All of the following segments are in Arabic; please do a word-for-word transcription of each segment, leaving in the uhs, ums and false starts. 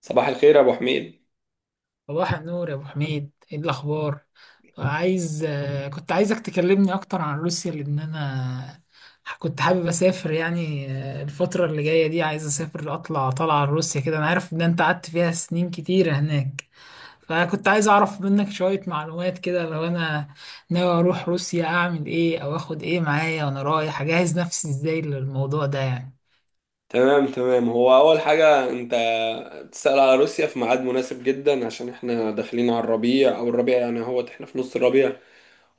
صباح الخير يا ابو حميد. صباح النور يا ابو حميد، ايه الاخبار؟ عايز آه، كنت عايزك تكلمني اكتر عن روسيا لان انا كنت حابب اسافر، يعني آه، الفتره اللي جايه دي عايز اسافر اطلع طالعه على روسيا كده. انا عارف ان انت قعدت فيها سنين كتيره هناك، فكنت عايز اعرف منك شويه معلومات كده. لو انا ناوي اروح روسيا اعمل ايه او اخد ايه معايا وانا رايح؟ اجهز نفسي ازاي للموضوع ده يعني؟ تمام تمام. هو اول حاجه انت تسأل على روسيا في ميعاد مناسب جدا، عشان احنا داخلين على الربيع او الربيع، يعني هو احنا في نص الربيع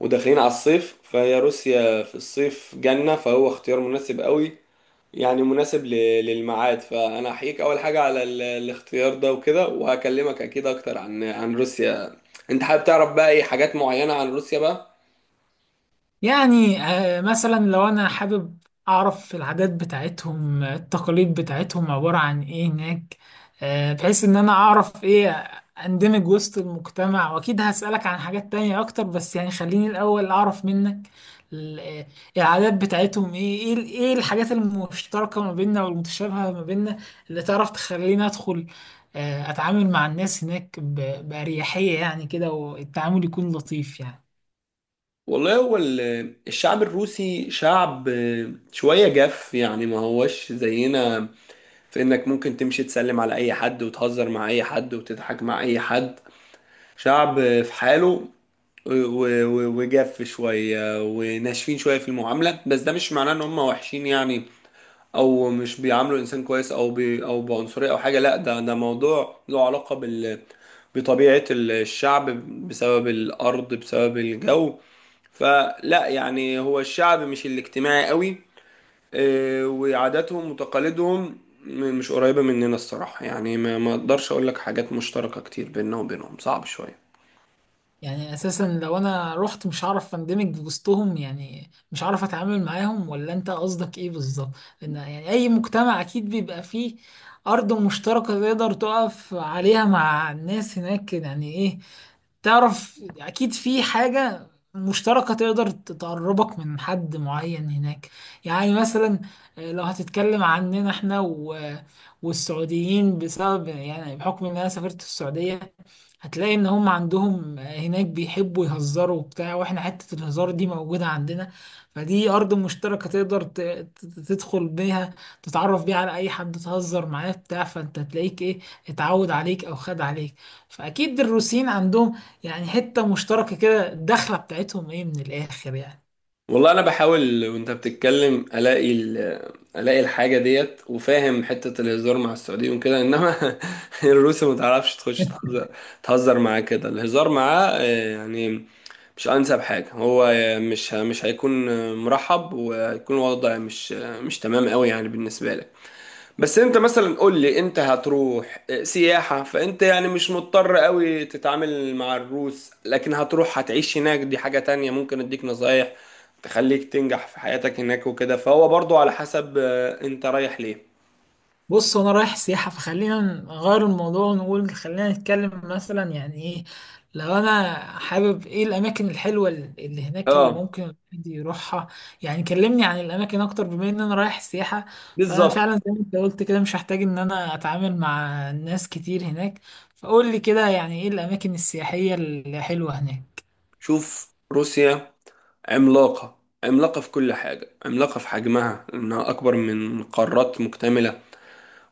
وداخلين على الصيف، فهي روسيا في الصيف جنة، فهو اختيار مناسب قوي يعني، مناسب ل- للميعاد. فانا احييك اول حاجه على ال- الاختيار ده وكده، وهكلمك اكيد اكتر عن عن روسيا. انت حابب تعرف بقى ايه حاجات معينه عن روسيا بقى؟ يعني آه، مثلا لو انا حابب اعرف العادات بتاعتهم، آه، التقاليد بتاعتهم عبارة عن ايه هناك، آه، بحيث ان انا اعرف ايه. اندمج وسط المجتمع، واكيد هسألك عن حاجات تانية اكتر، بس يعني خليني الاول اعرف منك ال- آه، العادات بتاعتهم ايه، ايه ال- ايه الحاجات المشتركة ما بيننا والمتشابهة ما بيننا اللي تعرف تخليني ادخل آه، اتعامل مع الناس هناك ب- بأريحية يعني كده، والتعامل يكون لطيف يعني. والله هو ال- الشعب الروسي شعب شوية جاف، يعني ما هوش زينا في انك ممكن تمشي تسلم على اي حد وتهزر مع اي حد وتضحك مع اي حد. شعب في حاله، و- و- وجاف شوية وناشفين شوية في المعاملة، بس ده مش معناه ان هم وحشين يعني، او مش بيعاملوا الانسان كويس او بي او بعنصرية او حاجة، لا، ده ده موضوع له علاقة بال بطبيعة الشعب، بسبب الأرض بسبب الجو. فلا، يعني هو الشعب مش الاجتماعي قوي. آه، وعاداتهم وتقاليدهم م- مش قريبة مننا الصراحة، يعني ما ما اقدرش اقول لك حاجات مشتركة كتير بيننا وبينهم، صعب شوية. يعني اساسا لو انا رحت مش هعرف اندمج وسطهم؟ يعني مش هعرف اتعامل معاهم؟ ولا انت قصدك ايه بالظبط؟ لان يعني اي مجتمع اكيد بيبقى فيه ارض مشتركة تقدر تقف عليها مع الناس هناك. يعني ايه، تعرف اكيد في حاجة مشتركة تقدر تقربك من حد معين هناك. يعني مثلا آه، لو هتتكلم عننا احنا و- والسعوديين، بسبب يعني بحكم ان انا سافرت السعودية، هتلاقي ان هم عندهم آه، هناك بيحبوا يهزروا وبتاع، واحنا حتة الهزار دي موجودة عندنا. فدي ارض مشتركة تقدر ت- ت- تدخل بيها، تتعرف بيها على اي حد، تهزر معاه بتاع فانت تلاقيك ايه، اتعود عليك او خد عليك. فاكيد الروسيين عندهم يعني حتة مشتركة كده. الدخلة بتاعتهم ايه من الآخر يعني؟ والله انا بحاول وانت بتتكلم الاقي ال- الاقي الحاجة ديت، وفاهم حتة الهزار مع السعوديين وكده، انما الروس ما تعرفش تخش تهزر، تهزر معاه كده الهزار معاه آه، يعني مش انسب حاجه. هو مش مش هيكون مرحب، وهيكون الوضع مش مش تمام قوي يعني بالنسبه لك. بس انت مثلا قول لي، انت هتروح سياحه، فانت يعني مش مضطر قوي تتعامل مع الروس، لكن هتروح هتعيش هناك، دي حاجه تانية ممكن اديك نصايح تخليك تنجح في حياتك هناك وكده. فهو برضو على حسب آه، انت رايح ليه. بص انا رايح سياحة، فخلينا نغير الموضوع ونقول خلينا نتكلم مثلا يعني ايه. لو انا حابب، ايه الاماكن الحلوة اللي هناك اللي اه، ممكن الواحد يروحها؟ يعني كلمني عن الاماكن اكتر، بما ان انا رايح سياحة فانا بالظبط. فعلا زي ما انت قلت كده مش هحتاج ان انا اتعامل مع ناس كتير هناك. فقول لي كده، يعني ايه الاماكن السياحية الحلوة هناك؟ شوف، روسيا عملاقة، عملاقة في كل حاجة، عملاقة في حجمها، إنها أكبر من قارات مكتملة،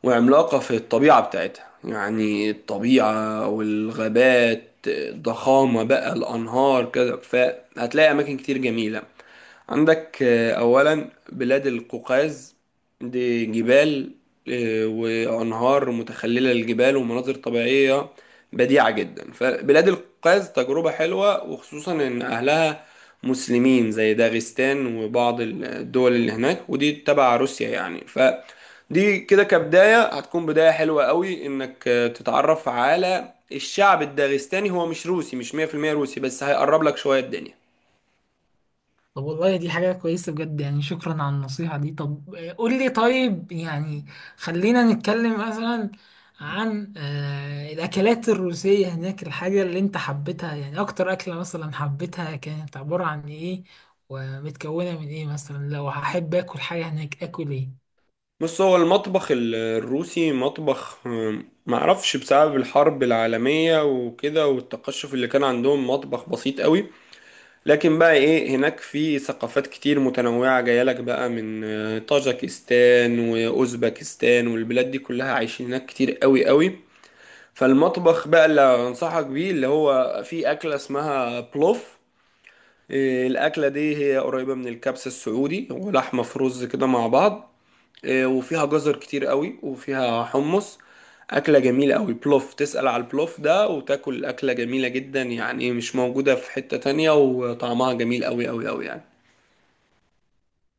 وعملاقة في الطبيعة بتاعتها، يعني الطبيعة والغابات الضخامة بقى، الأنهار كده، فهتلاقي أماكن كتير جميلة. عندك آه، أولا بلاد القوقاز، دي جبال آه، وأنهار متخللة للجبال ومناظر طبيعية بديعة جدا. فبلاد القوقاز تجربة حلوة، وخصوصا إن أهلها مسلمين، زي داغستان وبعض الدول اللي هناك، ودي تبع روسيا يعني. فدي كده كبداية هتكون بداية حلوة قوي، إنك آه، تتعرف على الشعب الداغستاني، هو مش روسي، مش مية في المية روسي، بس هيقرب لك شوية الدنيا. طب والله دي حاجة كويسة بجد، يعني شكرا على النصيحة دي. طب آه، قول لي طيب، يعني خلينا نتكلم مثلا عن آه، الأكلات الروسية هناك. الحاجة اللي أنت حبيتها، يعني أكتر أكلة مثلا حبيتها، كانت عبارة عن إيه ومتكونة من إيه؟ مثلا لو هحب آكل حاجة هناك آكل إيه؟ بص، هو المطبخ ال- الروسي مطبخ، آم، معرفش، بسبب الحرب العالمية وكده والتقشف اللي كان عندهم، مطبخ بسيط قوي. لكن بقى ايه، هناك في ثقافات كتير متنوعة جايلك بقى من آه، طاجكستان وأوزبكستان والبلاد دي كلها، عايشين هناك كتير قوي قوي. فالمطبخ بقى اللي انصحك بيه اللي هو في أكلة اسمها بلوف. آه، الأكلة دي هي قريبة من الكبسة السعودي، ولحمة في رز كده مع بعض، آه، وفيها جزر كتير قوي وفيها حمص. أكلة جميلة قوي، بلوف، تسأل على البلوف ده وتاكل أكلة جميلة جدا يعني، مش موجودة في حتة تانية، وطعمها جميل قوي قوي قوي يعني.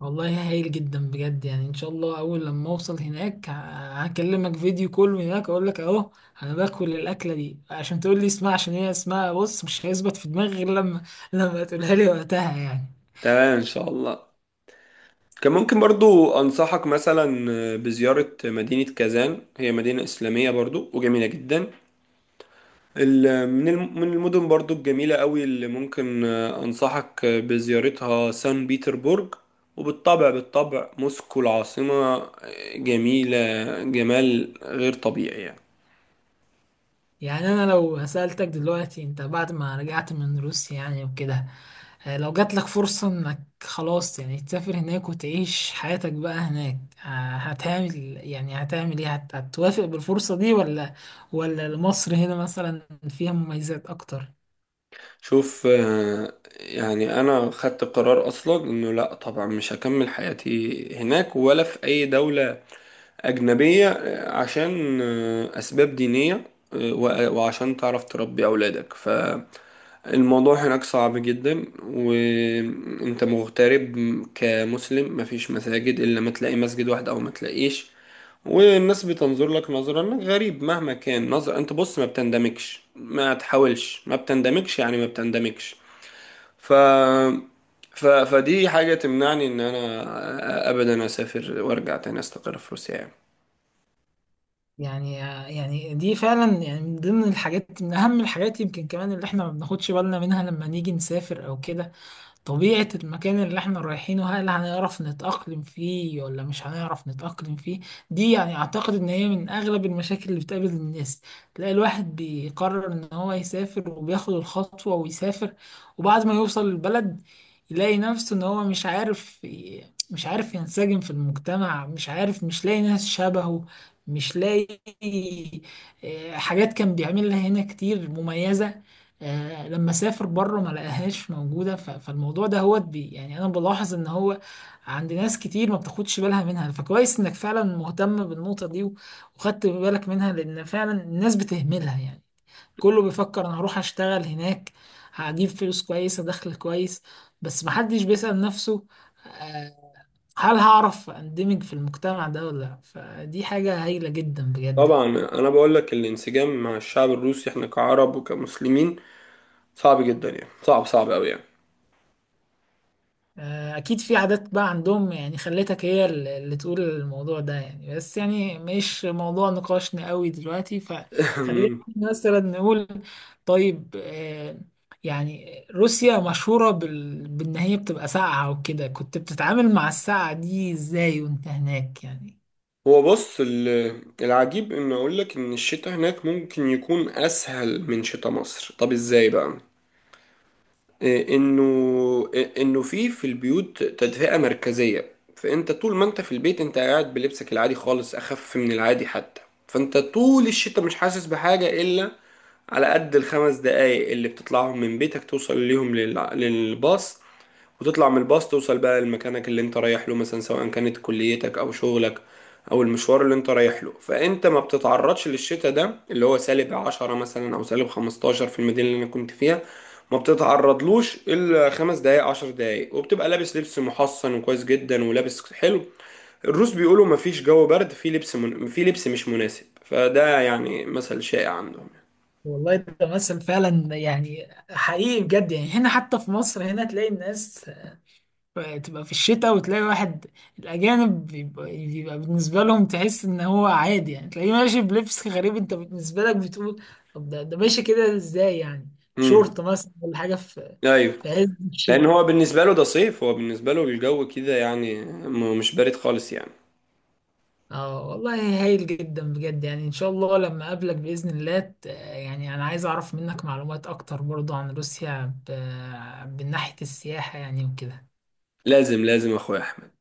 والله هايل جدا بجد، يعني ان شاء الله اول لما اوصل هناك ه- هكلمك فيديو كول من هناك اقول لك اهو انا باكل الاكله دي عشان تقول لي اسمها، عشان هي اسمها بص مش هيثبت في دماغي غير لما لما تقولها لي وقتها يعني. تمام إن شاء الله. كان ممكن برضو أنصحك مثلا بزيارة مدينة كازان، هي مدينة إسلامية برضو وجميلة جدا. ال- من الم- من المدن برضو الجميلة قوي اللي ممكن آه، أنصحك آه، بزيارتها، سان بيتربورج، وبالطبع بالطبع موسكو العاصمة، آه، جميلة جمال غير طبيعي يعني. يعني انا لو سألتك دلوقتي انت بعد ما رجعت من روسيا يعني وكده، آه، لو جات لك فرصة انك خلاص يعني تسافر هناك وتعيش حياتك بقى هناك، آه، هتعمل يعني هتعمل ايه، هت- هتوافق بالفرصة دي ولا ولا مصر هنا مثلا فيها مميزات اكتر؟ شوف آه، يعني أنا خدت قرار أصلا إنه لأ، طبعا مش هكمل حياتي هناك ولا في أي دولة أجنبية، آه، عشان آه، أسباب دينية، آه، وع- وعشان تعرف تربي أولادك. ف الموضوع هناك صعب جدا وانت مغترب كمسلم، مفيش مساجد، الا ما تلاقي مسجد واحد او ما تلاقيش، والناس بتنظر لك نظرة انك غريب مهما كان نظر. انت بص، ما بتندمجش، ما تحاولش، ما بتندمجش يعني، ما بتندمجش. ف... ف... فدي حاجة تمنعني ان انا ابدا اسافر وارجع تاني استقر في روسيا يعني. يعني آه، يعني دي فعلا يعني من ضمن الحاجات، من اهم الحاجات يمكن كمان اللي احنا ما بناخدش بالنا منها لما نيجي نسافر او كده، طبيعة المكان اللي احنا رايحينه. هل هنعرف نتأقلم فيه ولا مش هنعرف نتأقلم فيه؟ دي يعني اعتقد ان هي من اغلب المشاكل اللي بتقابل الناس. تلاقي الواحد بيقرر ان هو يسافر وبياخد الخطوة ويسافر، وبعد ما يوصل البلد يلاقي نفسه ان هو مش عارف مش عارف ينسجم في المجتمع، مش عارف، مش لاقي ناس شبهه، مش لاقي آه، حاجات كان بيعملها هنا كتير مميزة، آه، لما سافر بره ما لقاهاش موجودة. ف- فالموضوع ده هو بي يعني أنا بلاحظ إن هو عند ناس كتير ما بتاخدش بالها منها، فكويس إنك فعلا مهتم بالنقطة دي و- وخدت بالك منها، لأن فعلا الناس بتهملها يعني. كله بيفكر أنا هروح أشتغل هناك، هجيب فلوس كويسة، دخل كويس، بس محدش بيسأل نفسه آه، هل هعرف أندمج في المجتمع ده ولا لأ. فدي حاجة هايلة جدا بجد طبعا. يعني. انا بقول لك الانسجام مع الشعب الروسي، احنا كعرب وكمسلمين، صعب جدا يعني، صعب صعب قوي يعني. آه، اكيد في عادات بقى عندهم يعني خلتك هي ال- اللي تقول الموضوع ده يعني، بس يعني مش موضوع نقاشنا قوي دلوقتي، فخلينا مثلا نقول طيب. آه، يعني روسيا مشهورة بال... بان هي بتبقى ساقعة وكده. كنت بتتعامل مع الساقعة دي ازاي وانت هناك يعني؟ هو بص ال- العجيب ان اقول لك ان الشتاء هناك ممكن يكون اسهل من شتاء مصر. طب ازاي بقى؟ إيه انه إيه انه في في البيوت تدفئة مركزية، فانت طول ما انت في البيت انت قاعد بلبسك العادي خالص، اخف من العادي حتى. فانت طول الشتاء مش حاسس بحاجة الا على قد الخمس دقايق اللي بتطلعهم من بيتك توصل ليهم للع- للباص، وتطلع من الباص توصل بقى لمكانك اللي انت رايح له مثلا، سواء كانت كليتك او شغلك او المشوار اللي انت رايح له. فانت ما بتتعرضش للشتاء ده اللي هو سالب عشرة مثلا او سالب خمستاشر في المدينة اللي انا كنت فيها، ما بتتعرضلوش الا خمس دقايق عشر دقايق، وبتبقى لابس لبس محصن وكويس جدا ولابس حلو. الروس بيقولوا ما فيش جو برد، في لبس من... في لبس مش مناسب، فده يعني مثل شائع عندهم. والله ده مثل فعلا يعني حقيقي بجد، يعني هنا حتى في مصر هنا تلاقي الناس فتبقى في الشتاء وتلاقي واحد الأجانب بيبقى, بيبقى بالنسبة لهم تحس إن هو عادي، يعني تلاقيه ماشي بلبس غريب أنت بالنسبة لك بتقول طب ده, ده ماشي كده إزاي يعني؟ امم، شورت مثلا ولا حاجة في ايوه، في عز لان الشتاء. هو بالنسبه له ده صيف، هو بالنسبه له الجو كده يعني، م- مش بارد خالص يعني. اه والله هايل جدا بجد، يعني إن شاء الله لما أقابلك بإذن الله ت- يعني أنا عايز أعرف منك معلومات أكتر برضو عن روسيا ب... من ناحية السياحة يعني وكده لازم لازم اخويا احمد.